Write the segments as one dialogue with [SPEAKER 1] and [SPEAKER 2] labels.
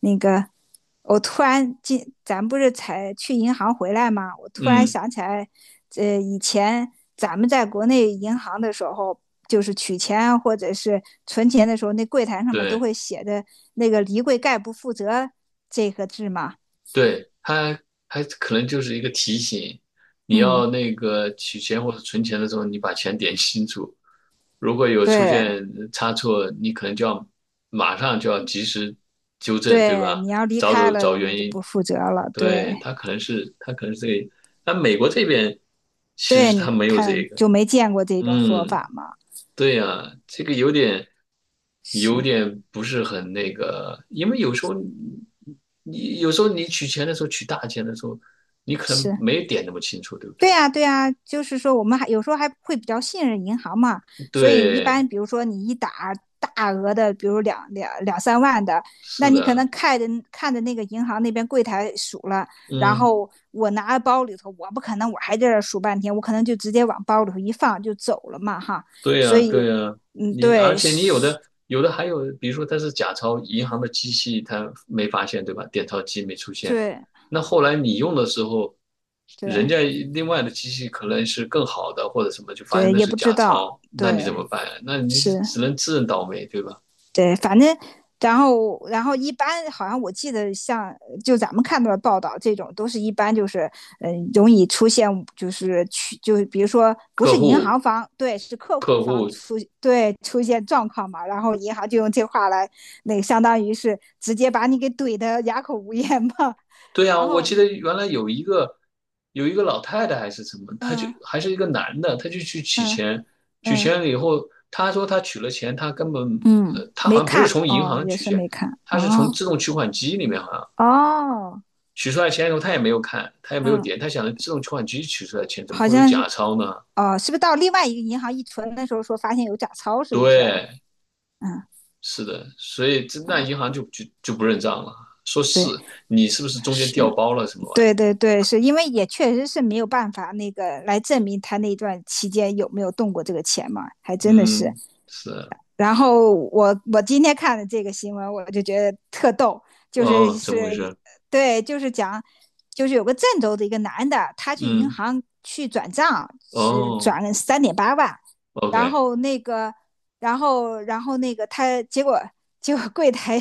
[SPEAKER 1] 那个，我突然进，咱不是才去银行回来吗？我突然
[SPEAKER 2] 嗯，
[SPEAKER 1] 想起来，以前咱们在国内银行的时候，就是取钱或者是存钱的时候，那柜台上面都
[SPEAKER 2] 对
[SPEAKER 1] 会写的那个"离柜概不负责"这个字嘛。
[SPEAKER 2] 对，它还可能就是一个提醒，你要
[SPEAKER 1] 嗯，
[SPEAKER 2] 那个取钱或者存钱的时候，你把钱点清楚。如果有出
[SPEAKER 1] 对
[SPEAKER 2] 现差错，你可能就要马上就要及时纠正，对
[SPEAKER 1] 对，
[SPEAKER 2] 吧？
[SPEAKER 1] 你要离
[SPEAKER 2] 找
[SPEAKER 1] 开
[SPEAKER 2] 找
[SPEAKER 1] 了，
[SPEAKER 2] 找
[SPEAKER 1] 人家
[SPEAKER 2] 原
[SPEAKER 1] 就
[SPEAKER 2] 因。
[SPEAKER 1] 不负责了。对
[SPEAKER 2] 对，它可能是这个，但美国这边其
[SPEAKER 1] 对，
[SPEAKER 2] 实它
[SPEAKER 1] 你
[SPEAKER 2] 没有这
[SPEAKER 1] 看
[SPEAKER 2] 个。
[SPEAKER 1] 就没见过这种说
[SPEAKER 2] 嗯。
[SPEAKER 1] 法嘛？
[SPEAKER 2] 对呀，这个有
[SPEAKER 1] 是
[SPEAKER 2] 点不是很那个，因为有时候你取钱的时候，取大钱的时候，你可能
[SPEAKER 1] 是，
[SPEAKER 2] 没点那么清楚，对不
[SPEAKER 1] 对
[SPEAKER 2] 对？
[SPEAKER 1] 呀，对呀，就是说我们还有时候还会比较信任银行嘛，所以一
[SPEAKER 2] 对，
[SPEAKER 1] 般比如说你一打大额的，比如两三万的，
[SPEAKER 2] 是
[SPEAKER 1] 那你可
[SPEAKER 2] 的，
[SPEAKER 1] 能看着看着那个银行那边柜台数了，然
[SPEAKER 2] 嗯。
[SPEAKER 1] 后我拿包里头，我不可能还在这儿数半天，我可能就直接往包里头一放就走了嘛哈，
[SPEAKER 2] 对
[SPEAKER 1] 所
[SPEAKER 2] 呀，
[SPEAKER 1] 以
[SPEAKER 2] 对呀，你而
[SPEAKER 1] 对，
[SPEAKER 2] 且你有
[SPEAKER 1] 是，
[SPEAKER 2] 的有的还有，比如说它是假钞，银行的机器它没发现，对吧？点钞机没出现，
[SPEAKER 1] 对
[SPEAKER 2] 那后来你用的时候，人
[SPEAKER 1] 对
[SPEAKER 2] 家另外的机器可能是更好的或者什么，就发现
[SPEAKER 1] 对，
[SPEAKER 2] 那
[SPEAKER 1] 也
[SPEAKER 2] 是
[SPEAKER 1] 不知
[SPEAKER 2] 假
[SPEAKER 1] 道，
[SPEAKER 2] 钞，那你
[SPEAKER 1] 对，
[SPEAKER 2] 怎么办呀？那你
[SPEAKER 1] 是。
[SPEAKER 2] 只能自认倒霉，对吧？
[SPEAKER 1] 对，反正然后一般好像我记得像就咱们看到的报道，这种都是一般就是容易出现就是去就是比如说不
[SPEAKER 2] 客
[SPEAKER 1] 是银
[SPEAKER 2] 户
[SPEAKER 1] 行方，对，是客户
[SPEAKER 2] 客
[SPEAKER 1] 方，
[SPEAKER 2] 户
[SPEAKER 1] 对，出现状况嘛，然后银行就用这话来那个相当于是直接把你给怼的哑口无言嘛。
[SPEAKER 2] 对呀，
[SPEAKER 1] 然
[SPEAKER 2] 我
[SPEAKER 1] 后
[SPEAKER 2] 记得原来有一个老太太还是什么，她就
[SPEAKER 1] 嗯
[SPEAKER 2] 还是一个男的，他就去取
[SPEAKER 1] 嗯
[SPEAKER 2] 钱，取
[SPEAKER 1] 嗯
[SPEAKER 2] 钱了以后，他说他取了钱，他根本
[SPEAKER 1] 嗯，
[SPEAKER 2] 他好
[SPEAKER 1] 没
[SPEAKER 2] 像不是
[SPEAKER 1] 看
[SPEAKER 2] 从银
[SPEAKER 1] 哦，
[SPEAKER 2] 行
[SPEAKER 1] 也
[SPEAKER 2] 取
[SPEAKER 1] 是
[SPEAKER 2] 钱，
[SPEAKER 1] 没看
[SPEAKER 2] 他是从
[SPEAKER 1] 哦。
[SPEAKER 2] 自动取款机里面好像
[SPEAKER 1] 哦，
[SPEAKER 2] 取出来钱以后，他也没有看，他也没有
[SPEAKER 1] 嗯，
[SPEAKER 2] 点，他想着自动取款机取出来钱怎么
[SPEAKER 1] 好
[SPEAKER 2] 会有
[SPEAKER 1] 像
[SPEAKER 2] 假
[SPEAKER 1] 是。
[SPEAKER 2] 钞呢？
[SPEAKER 1] 哦，是不是到另外一个银行一存的时候说发现有假钞，是不是？
[SPEAKER 2] 对，
[SPEAKER 1] 嗯
[SPEAKER 2] 是的，所以这那银
[SPEAKER 1] 啊，
[SPEAKER 2] 行就不认账了，说是
[SPEAKER 1] 对，
[SPEAKER 2] 你是不是中间
[SPEAKER 1] 是，
[SPEAKER 2] 调包了什么玩意
[SPEAKER 1] 对
[SPEAKER 2] 的。
[SPEAKER 1] 对对，是因为也确实是没有办法那个来证明他那段期间有没有动过这个钱嘛，还真的是。
[SPEAKER 2] 嗯，是啊，
[SPEAKER 1] 然后我今天看的这个新闻，我就觉得特逗，就是
[SPEAKER 2] 哦，怎么回
[SPEAKER 1] 是，
[SPEAKER 2] 事？
[SPEAKER 1] 对，就是讲，就是有个郑州的一个男的，他去银
[SPEAKER 2] 嗯。
[SPEAKER 1] 行去转账，是
[SPEAKER 2] 哦
[SPEAKER 1] 转了三点八万。然
[SPEAKER 2] ，OK，
[SPEAKER 1] 后那个，然后那个他结果柜台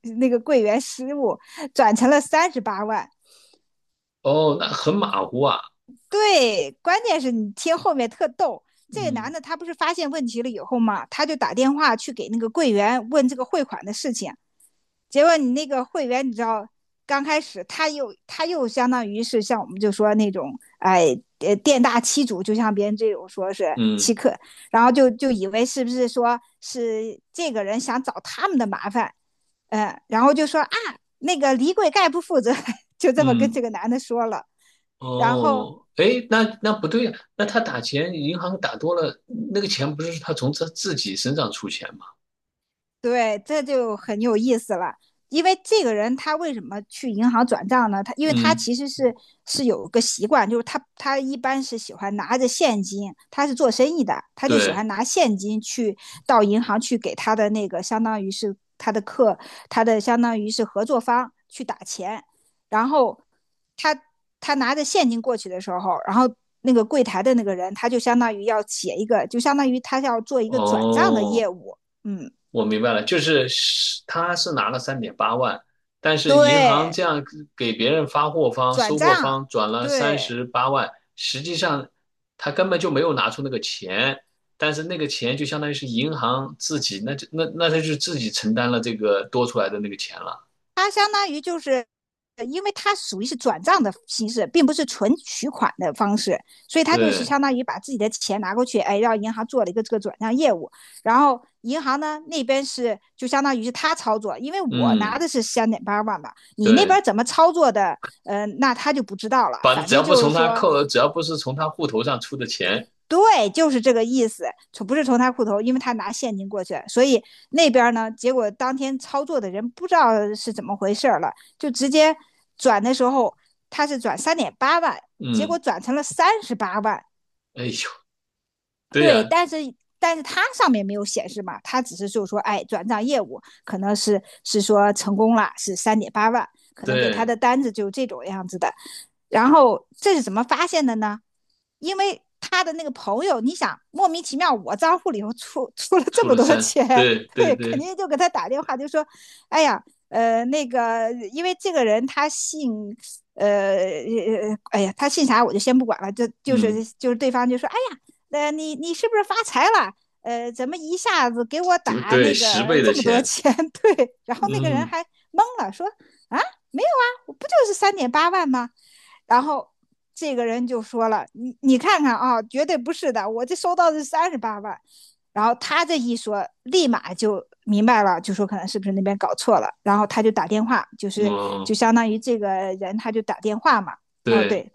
[SPEAKER 1] 那个柜员失误，转成了38万。
[SPEAKER 2] 哦，那很马虎啊，
[SPEAKER 1] 对，关键是你听后面特逗。这个男
[SPEAKER 2] 嗯
[SPEAKER 1] 的他不是发现问题了以后嘛，他就打电话去给那个柜员问这个汇款的事情，结果你那个会员，你知道，刚开始他又相当于是像我们就说那种，哎，店大欺主，就像别人这种说是欺
[SPEAKER 2] 嗯
[SPEAKER 1] 客，然后就以为是不是说是这个人想找他们的麻烦，嗯，然后就说啊，那个李贵概不负责，就这么跟这
[SPEAKER 2] 嗯，
[SPEAKER 1] 个男的说了。然后
[SPEAKER 2] 哦，诶，那不对呀、那他打钱，银行打多了，那个钱不是他从他自己身上出钱吗？
[SPEAKER 1] 对，这就很有意思了。因为这个人他为什么去银行转账呢？他因为他
[SPEAKER 2] 嗯，
[SPEAKER 1] 其实是有个习惯，就是他一般是喜欢拿着现金，他是做生意的，他就喜
[SPEAKER 2] 对，
[SPEAKER 1] 欢拿现金去到银行去给他的那个相当于是他的客，他的相当于是合作方去打钱，然后他他拿着现金过去的时候，然后那个柜台的那个人他就相当于要写一个，就相当于他要做一个转账的
[SPEAKER 2] 哦。
[SPEAKER 1] 业务。嗯。
[SPEAKER 2] 我明白了，就是他是拿了3.8万，但是银行
[SPEAKER 1] 对，
[SPEAKER 2] 这样给别人发货方、
[SPEAKER 1] 转
[SPEAKER 2] 收货
[SPEAKER 1] 账，
[SPEAKER 2] 方转了三
[SPEAKER 1] 对，
[SPEAKER 2] 十八万，实际上他根本就没有拿出那个钱，但是那个钱就相当于是银行自己，那他就自己承担了这个多出来的那个钱了。
[SPEAKER 1] 它相当于就是，因为它属于是转账的形式，并不是纯取款的方式，所以它就是
[SPEAKER 2] 对，
[SPEAKER 1] 相当于把自己的钱拿过去，哎，让银行做了一个这个转账业务，然后银行呢那边是就相当于是他操作，因为我拿
[SPEAKER 2] 嗯，
[SPEAKER 1] 的是三点八万嘛，你那
[SPEAKER 2] 对，
[SPEAKER 1] 边怎么操作的，那他就不知道了，
[SPEAKER 2] 反正
[SPEAKER 1] 反
[SPEAKER 2] 只要
[SPEAKER 1] 正
[SPEAKER 2] 不
[SPEAKER 1] 就是
[SPEAKER 2] 从他
[SPEAKER 1] 说
[SPEAKER 2] 扣，只要不是从他户头上出的钱，
[SPEAKER 1] 对，就是这个意思，从不是从他裤头，因为他拿现金过去，所以那边呢，结果当天操作的人不知道是怎么回事了，就直接转的时候他是转三点八万，结果
[SPEAKER 2] 嗯，
[SPEAKER 1] 转成了三十八万。
[SPEAKER 2] 哎呦，对
[SPEAKER 1] 对，
[SPEAKER 2] 呀，
[SPEAKER 1] 但是他上面没有显示嘛，他只是就是说，哎，转账业务可能是说成功了，是三点八万，可能给他
[SPEAKER 2] 对，
[SPEAKER 1] 的单子就这种样子的。然后这是怎么发现的呢？因为他的那个朋友，你想莫名其妙，我账户里头出了这
[SPEAKER 2] 出
[SPEAKER 1] 么
[SPEAKER 2] 了
[SPEAKER 1] 多
[SPEAKER 2] 三，
[SPEAKER 1] 钱。
[SPEAKER 2] 对 对
[SPEAKER 1] 对，肯
[SPEAKER 2] 对，
[SPEAKER 1] 定就给他打电话，就说，哎呀，那个，因为这个人他姓，呃，哎呀，他姓啥我就先不管了，就就
[SPEAKER 2] 嗯。
[SPEAKER 1] 是就是对方就说，哎呀，你是不是发财了？怎么一下子给我
[SPEAKER 2] 这个
[SPEAKER 1] 打
[SPEAKER 2] 对，
[SPEAKER 1] 那
[SPEAKER 2] 十
[SPEAKER 1] 个
[SPEAKER 2] 倍的
[SPEAKER 1] 这么多
[SPEAKER 2] 钱，
[SPEAKER 1] 钱？对，然后那个人
[SPEAKER 2] 嗯，
[SPEAKER 1] 还懵了，说啊，没有啊，我不就是三点八万吗？然后这个人就说了："你看看啊，绝对不是的，我这收到的是三十八万。"然后他这一说，立马就明白了，就说可能是不是那边搞错了。然后他就打电话，就是
[SPEAKER 2] 哦，
[SPEAKER 1] 就相当于这个人他就打电话嘛。哦，
[SPEAKER 2] 对，
[SPEAKER 1] 对，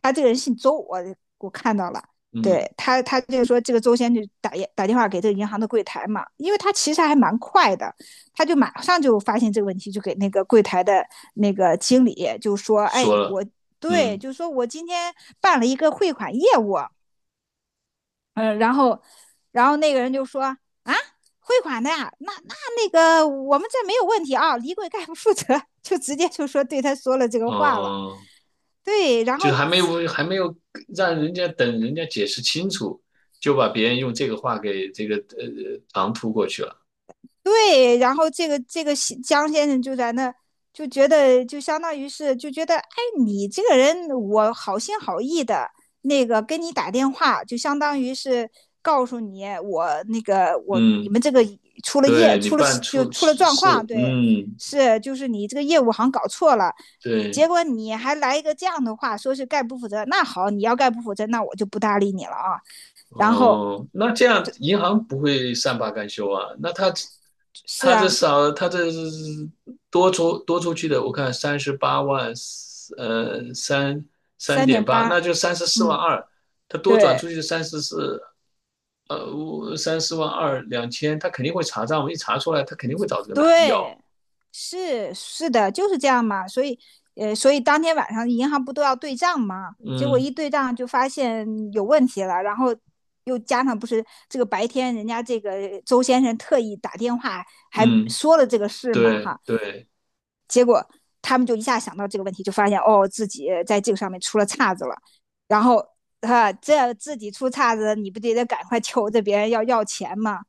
[SPEAKER 1] 他这个人姓周，我看到了。
[SPEAKER 2] 嗯，
[SPEAKER 1] 对，他就说这个周先就打电话给这个银行的柜台嘛，因为他其实还蛮快的，他就马上就发现这个问题，就给那个柜台的那个经理就说："哎，
[SPEAKER 2] 说了，
[SPEAKER 1] 我对，
[SPEAKER 2] 嗯，
[SPEAKER 1] 就说我今天办了一个汇款业务，然后，那个人就说啊，汇款的呀，那个我们这没有问题啊，李贵概不负责，就直接就说对他说了这个话了。
[SPEAKER 2] 哦，
[SPEAKER 1] 对，然后
[SPEAKER 2] 就是还没有让人家等人家解释清楚，就把别人用这个话给这个唐突过去了，
[SPEAKER 1] 对，然后这个江先生就在那就觉得就相当于是就觉得，哎，你这个人我好心好意的那个跟你打电话，就相当于是告诉你我那个我你
[SPEAKER 2] 嗯，
[SPEAKER 1] 们这个
[SPEAKER 2] 对你
[SPEAKER 1] 出了
[SPEAKER 2] 办
[SPEAKER 1] 事就
[SPEAKER 2] 出
[SPEAKER 1] 出了状
[SPEAKER 2] 事，
[SPEAKER 1] 况，对，
[SPEAKER 2] 嗯，
[SPEAKER 1] 是就是你这个业务好像搞错了。结
[SPEAKER 2] 对。
[SPEAKER 1] 果你还来一个这样的话，说是概不负责，那好，你要概不负责，那我就不搭理你了啊。然后
[SPEAKER 2] 哦，那这样银行不会善罢甘休啊？那他
[SPEAKER 1] 是
[SPEAKER 2] 他这
[SPEAKER 1] 啊，
[SPEAKER 2] 少他这多出去的，我看三十八万，呃，三三
[SPEAKER 1] 三
[SPEAKER 2] 点
[SPEAKER 1] 点
[SPEAKER 2] 八，那
[SPEAKER 1] 八，
[SPEAKER 2] 就三十四万
[SPEAKER 1] 嗯，
[SPEAKER 2] 二。他多转出
[SPEAKER 1] 对。
[SPEAKER 2] 去三十四，三四万二两千，他肯定会查账，我一查出来，他肯定会找这个男的要。
[SPEAKER 1] 对，是是的，就是这样嘛。所以，所以当天晚上银行不都要对账嘛？结果
[SPEAKER 2] 嗯
[SPEAKER 1] 一对账就发现有问题了，然后又加上不是这个白天人家这个周先生特意打电话还
[SPEAKER 2] 嗯，
[SPEAKER 1] 说了这个事嘛，
[SPEAKER 2] 对
[SPEAKER 1] 哈。
[SPEAKER 2] 对，
[SPEAKER 1] 结果他们就一下想到这个问题，就发现哦自己在这个上面出了岔子了，然后哈、这自己出岔子，你不得赶快求着别人要钱嘛？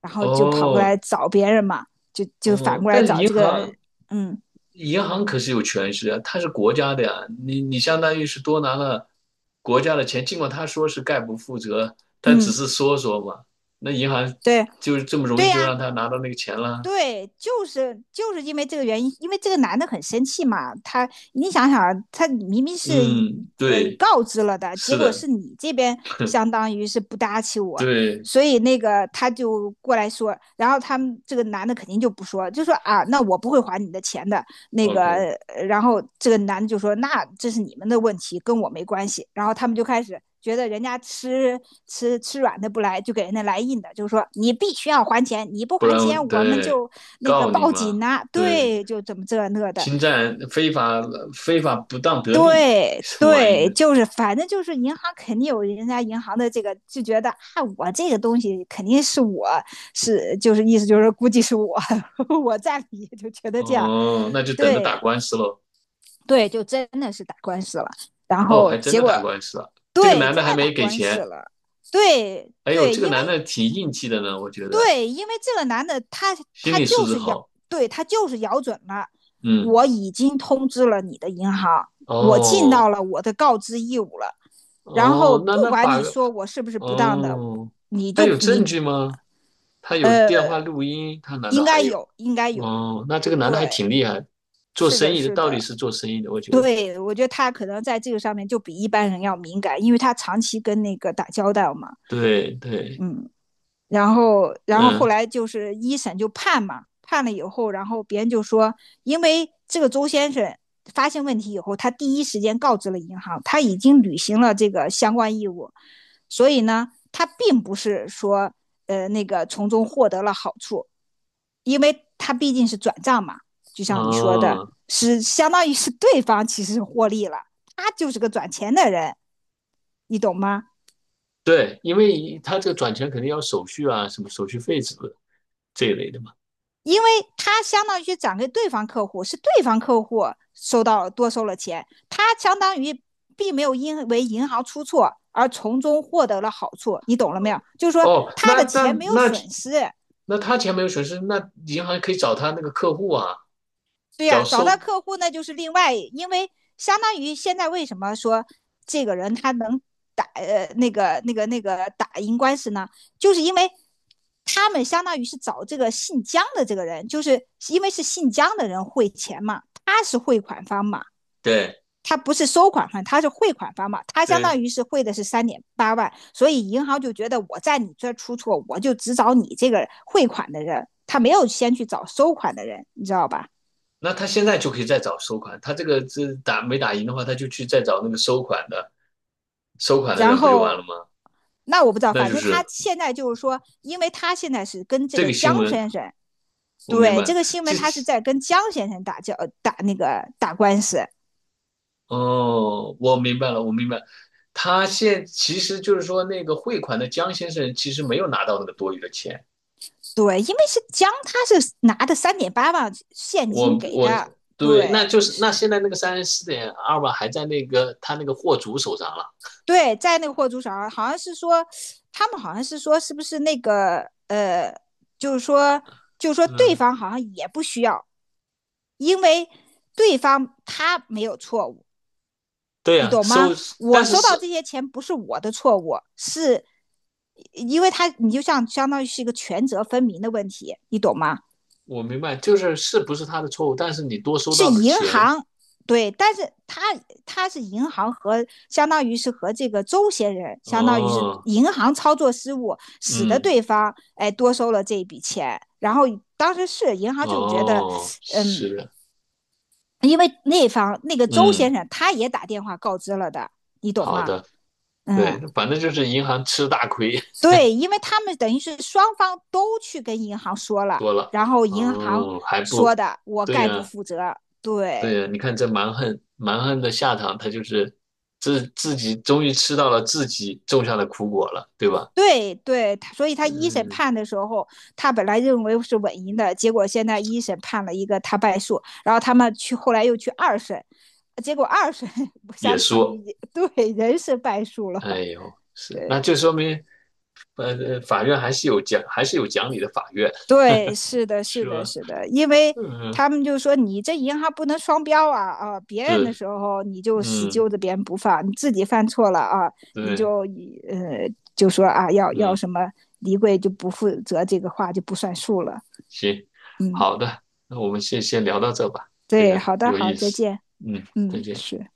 [SPEAKER 1] 然后就跑过来
[SPEAKER 2] 哦
[SPEAKER 1] 找别人嘛，就反
[SPEAKER 2] 哦，
[SPEAKER 1] 过来
[SPEAKER 2] 但是
[SPEAKER 1] 找
[SPEAKER 2] 银
[SPEAKER 1] 这个，
[SPEAKER 2] 行
[SPEAKER 1] 嗯
[SPEAKER 2] 银行可是有权势啊，它是国家的呀，你相当于是多拿了国家的钱，尽管他说是概不负责，但只
[SPEAKER 1] 嗯，
[SPEAKER 2] 是说说嘛，那银行
[SPEAKER 1] 对
[SPEAKER 2] 就是这么容易
[SPEAKER 1] 对
[SPEAKER 2] 就
[SPEAKER 1] 呀、啊
[SPEAKER 2] 让他拿到那个钱了。
[SPEAKER 1] 对，就是因为这个原因，因为这个男的很生气嘛，他你想想啊，他明明是
[SPEAKER 2] 嗯，对，
[SPEAKER 1] 告知了的，结
[SPEAKER 2] 是
[SPEAKER 1] 果
[SPEAKER 2] 的，
[SPEAKER 1] 是你这边相当于是不搭起我，
[SPEAKER 2] 对
[SPEAKER 1] 所以那个他就过来说，然后他们这个男的肯定就不说，就说啊，那我不会还你的钱的，那
[SPEAKER 2] ，OK，
[SPEAKER 1] 个，然后这个男的就说："那这是你们的问题，跟我没关系。"然后他们就开始觉得人家吃软的不来，就给人家来硬的，就是说你必须要还钱，你不
[SPEAKER 2] 不
[SPEAKER 1] 还
[SPEAKER 2] 然我
[SPEAKER 1] 钱我们
[SPEAKER 2] 对
[SPEAKER 1] 就那个
[SPEAKER 2] 告你
[SPEAKER 1] 报
[SPEAKER 2] 嘛，
[SPEAKER 1] 警呐、
[SPEAKER 2] 对，
[SPEAKER 1] 对，就怎么这那的，
[SPEAKER 2] 侵占非法不当得利
[SPEAKER 1] 对
[SPEAKER 2] 什么玩意
[SPEAKER 1] 对，
[SPEAKER 2] 呢？
[SPEAKER 1] 就是反正就是银行肯定有人家银行的这个就觉得啊，我这个东西肯定是我是就是意思就是估计是我 我占理，就觉得这样，
[SPEAKER 2] 哦，那就等着打
[SPEAKER 1] 对。
[SPEAKER 2] 官司喽。
[SPEAKER 1] 对，就真的是打官司了。然
[SPEAKER 2] 哦，
[SPEAKER 1] 后
[SPEAKER 2] 还真
[SPEAKER 1] 结
[SPEAKER 2] 的
[SPEAKER 1] 果
[SPEAKER 2] 打官司了，这个
[SPEAKER 1] 对，
[SPEAKER 2] 男的
[SPEAKER 1] 真的
[SPEAKER 2] 还没
[SPEAKER 1] 打
[SPEAKER 2] 给
[SPEAKER 1] 官司
[SPEAKER 2] 钱。
[SPEAKER 1] 了。对
[SPEAKER 2] 哎呦，
[SPEAKER 1] 对，
[SPEAKER 2] 这个
[SPEAKER 1] 因为
[SPEAKER 2] 男的挺硬气的呢，我觉得
[SPEAKER 1] 对，因为这个男的他
[SPEAKER 2] 心
[SPEAKER 1] 他
[SPEAKER 2] 理素
[SPEAKER 1] 就
[SPEAKER 2] 质
[SPEAKER 1] 是咬，
[SPEAKER 2] 好。
[SPEAKER 1] 对他就是咬准了，
[SPEAKER 2] 嗯，
[SPEAKER 1] 我已经通知了你的银行，我尽到
[SPEAKER 2] 哦
[SPEAKER 1] 了我的告知义务了。然后
[SPEAKER 2] 哦，那
[SPEAKER 1] 不
[SPEAKER 2] 那
[SPEAKER 1] 管
[SPEAKER 2] 法
[SPEAKER 1] 你说我是不是不当的。
[SPEAKER 2] 哦，
[SPEAKER 1] 你
[SPEAKER 2] 他
[SPEAKER 1] 就
[SPEAKER 2] 有证
[SPEAKER 1] 你
[SPEAKER 2] 据吗？他有电
[SPEAKER 1] 呃，
[SPEAKER 2] 话录音，他难道
[SPEAKER 1] 应
[SPEAKER 2] 还
[SPEAKER 1] 该
[SPEAKER 2] 有？
[SPEAKER 1] 有，应该有。
[SPEAKER 2] 哦，那这个男的还
[SPEAKER 1] 对，
[SPEAKER 2] 挺厉害，做
[SPEAKER 1] 是
[SPEAKER 2] 生
[SPEAKER 1] 的，
[SPEAKER 2] 意的
[SPEAKER 1] 是
[SPEAKER 2] 到底
[SPEAKER 1] 的。
[SPEAKER 2] 是做生意的，我觉得。
[SPEAKER 1] 对，我觉得他可能在这个上面就比一般人要敏感，因为他长期跟那个打交道嘛。
[SPEAKER 2] 对对，
[SPEAKER 1] 嗯。然后，后
[SPEAKER 2] 嗯
[SPEAKER 1] 来就是一审就判嘛，判了以后，然后别人就说，因为这个周先生发现问题以后，他第一时间告知了银行，他已经履行了这个相关义务，所以呢，他并不是说，那个从中获得了好处，因为他毕竟是转账嘛，就像你说的，
[SPEAKER 2] 哦，
[SPEAKER 1] 是相当于是对方其实获利了，他就是个转钱的人，你懂吗？
[SPEAKER 2] 对，因为他这个转钱肯定要手续啊，什么手续费什么的这一类的。嘛。
[SPEAKER 1] 因为他相当于转给对方客户，是对方客户收到多收了钱，他相当于并没有因为银行出错而从中获得了好处，你懂了没有？就是说
[SPEAKER 2] 哦，
[SPEAKER 1] 他的钱没有
[SPEAKER 2] 那
[SPEAKER 1] 损失。
[SPEAKER 2] 那他钱没有损失，那银行可以找他那个客户啊，
[SPEAKER 1] 对呀、
[SPEAKER 2] 找
[SPEAKER 1] 找到
[SPEAKER 2] 收，
[SPEAKER 1] 客户那就是另外，因为相当于现在为什么说这个人他能打呃那个那个那个打赢官司呢？就是因为他们相当于是找这个姓姜的这个人，就是因为是姓姜的人汇钱嘛，他是汇款方嘛，
[SPEAKER 2] 对
[SPEAKER 1] 他不是收款方，他是汇款方嘛，他相当
[SPEAKER 2] 对，
[SPEAKER 1] 于是汇的是三点八万，所以银行就觉得我在你这出错，我就只找你这个汇款的人，他没有先去找收款的人，你知道吧？
[SPEAKER 2] 那他现在就可以再找收款，他这个这打没打赢的话，他就去再找那个收款的
[SPEAKER 1] 然
[SPEAKER 2] 人不就完了
[SPEAKER 1] 后
[SPEAKER 2] 吗？
[SPEAKER 1] 那我不知道，
[SPEAKER 2] 那
[SPEAKER 1] 反
[SPEAKER 2] 就
[SPEAKER 1] 正他
[SPEAKER 2] 是
[SPEAKER 1] 现在就是说，因为他现在是跟这
[SPEAKER 2] 这
[SPEAKER 1] 个
[SPEAKER 2] 个新
[SPEAKER 1] 江
[SPEAKER 2] 闻，
[SPEAKER 1] 先生，
[SPEAKER 2] 我明
[SPEAKER 1] 对这
[SPEAKER 2] 白，
[SPEAKER 1] 个新
[SPEAKER 2] 这
[SPEAKER 1] 闻他是在跟江先生打那个打官司，
[SPEAKER 2] 哦，我明白了，我明白，他现其实就是说那个汇款的江先生其实没有拿到那个多余的钱。
[SPEAKER 1] 对，因为是江他是拿的三点八万现
[SPEAKER 2] 我
[SPEAKER 1] 金给
[SPEAKER 2] 我
[SPEAKER 1] 的，
[SPEAKER 2] 对，那
[SPEAKER 1] 对
[SPEAKER 2] 就是那现在那个34.2万还在那个他那个货主手上了。
[SPEAKER 1] 对，在那个货主手上，好像是说，他们好像是说是不是那个就是说对
[SPEAKER 2] 嗯，
[SPEAKER 1] 方好像也不需要，因为对方他没有错误。
[SPEAKER 2] 对
[SPEAKER 1] 你
[SPEAKER 2] 呀、
[SPEAKER 1] 懂
[SPEAKER 2] 收，
[SPEAKER 1] 吗？
[SPEAKER 2] 但
[SPEAKER 1] 我
[SPEAKER 2] 是
[SPEAKER 1] 收
[SPEAKER 2] 是
[SPEAKER 1] 到这些钱不是我的错误，是因为他你就像相当于是一个权责分明的问题，你懂吗？
[SPEAKER 2] 我明白，就是是不是他的错误，但是你多收
[SPEAKER 1] 是
[SPEAKER 2] 到的
[SPEAKER 1] 银
[SPEAKER 2] 钱，
[SPEAKER 1] 行。对，但是他是银行和相当于是和这个周先生，相当于是
[SPEAKER 2] 哦，
[SPEAKER 1] 银行操作失误，使得
[SPEAKER 2] 嗯，
[SPEAKER 1] 对方哎多收了这一笔钱，然后当时是银行就觉得。
[SPEAKER 2] 哦，是
[SPEAKER 1] 嗯。
[SPEAKER 2] 的，
[SPEAKER 1] 因为那方那个周
[SPEAKER 2] 嗯，
[SPEAKER 1] 先生他也打电话告知了的，你懂
[SPEAKER 2] 好
[SPEAKER 1] 吗？
[SPEAKER 2] 的，对，
[SPEAKER 1] 嗯。
[SPEAKER 2] 反正就是银行吃大亏，
[SPEAKER 1] 对，因为他们等于是双方都去跟银行说了，
[SPEAKER 2] 多了，
[SPEAKER 1] 然后银行
[SPEAKER 2] 哦，还
[SPEAKER 1] 说
[SPEAKER 2] 不，
[SPEAKER 1] 的我
[SPEAKER 2] 对
[SPEAKER 1] 概不
[SPEAKER 2] 呀、
[SPEAKER 1] 负责。对，
[SPEAKER 2] 对呀、你看这蛮横蛮横的下场，他就是自己终于吃到了自己种下的苦果了，对吧？
[SPEAKER 1] 对，对，他所以他一审
[SPEAKER 2] 嗯，
[SPEAKER 1] 判的时候，他本来认为是稳赢的，结果现在一审判了一个他败诉，然后他们去后来又去二审，结果二审
[SPEAKER 2] 也
[SPEAKER 1] 相当于
[SPEAKER 2] 说，
[SPEAKER 1] 对人是败诉了。
[SPEAKER 2] 哎呦，是，那
[SPEAKER 1] 对，
[SPEAKER 2] 就说明，法院还是有讲，还是有讲理的法院，
[SPEAKER 1] 对，是的，是
[SPEAKER 2] 是
[SPEAKER 1] 的，
[SPEAKER 2] 吧？
[SPEAKER 1] 是的，因为
[SPEAKER 2] 嗯，
[SPEAKER 1] 他们就说你这银行不能双标啊啊！别人的
[SPEAKER 2] 是，
[SPEAKER 1] 时候你就死
[SPEAKER 2] 嗯，
[SPEAKER 1] 揪着别人不放，你自己犯错了啊，你
[SPEAKER 2] 对，
[SPEAKER 1] 就呃就说啊要
[SPEAKER 2] 嗯，
[SPEAKER 1] 什么离柜就不负责这个话就不算数了。
[SPEAKER 2] 行，
[SPEAKER 1] 嗯。
[SPEAKER 2] 好的，那我们先聊到这吧，这
[SPEAKER 1] 对，
[SPEAKER 2] 个
[SPEAKER 1] 好的，
[SPEAKER 2] 有
[SPEAKER 1] 好，
[SPEAKER 2] 意
[SPEAKER 1] 再
[SPEAKER 2] 思，
[SPEAKER 1] 见。
[SPEAKER 2] 嗯，再
[SPEAKER 1] 嗯，
[SPEAKER 2] 见。
[SPEAKER 1] 是。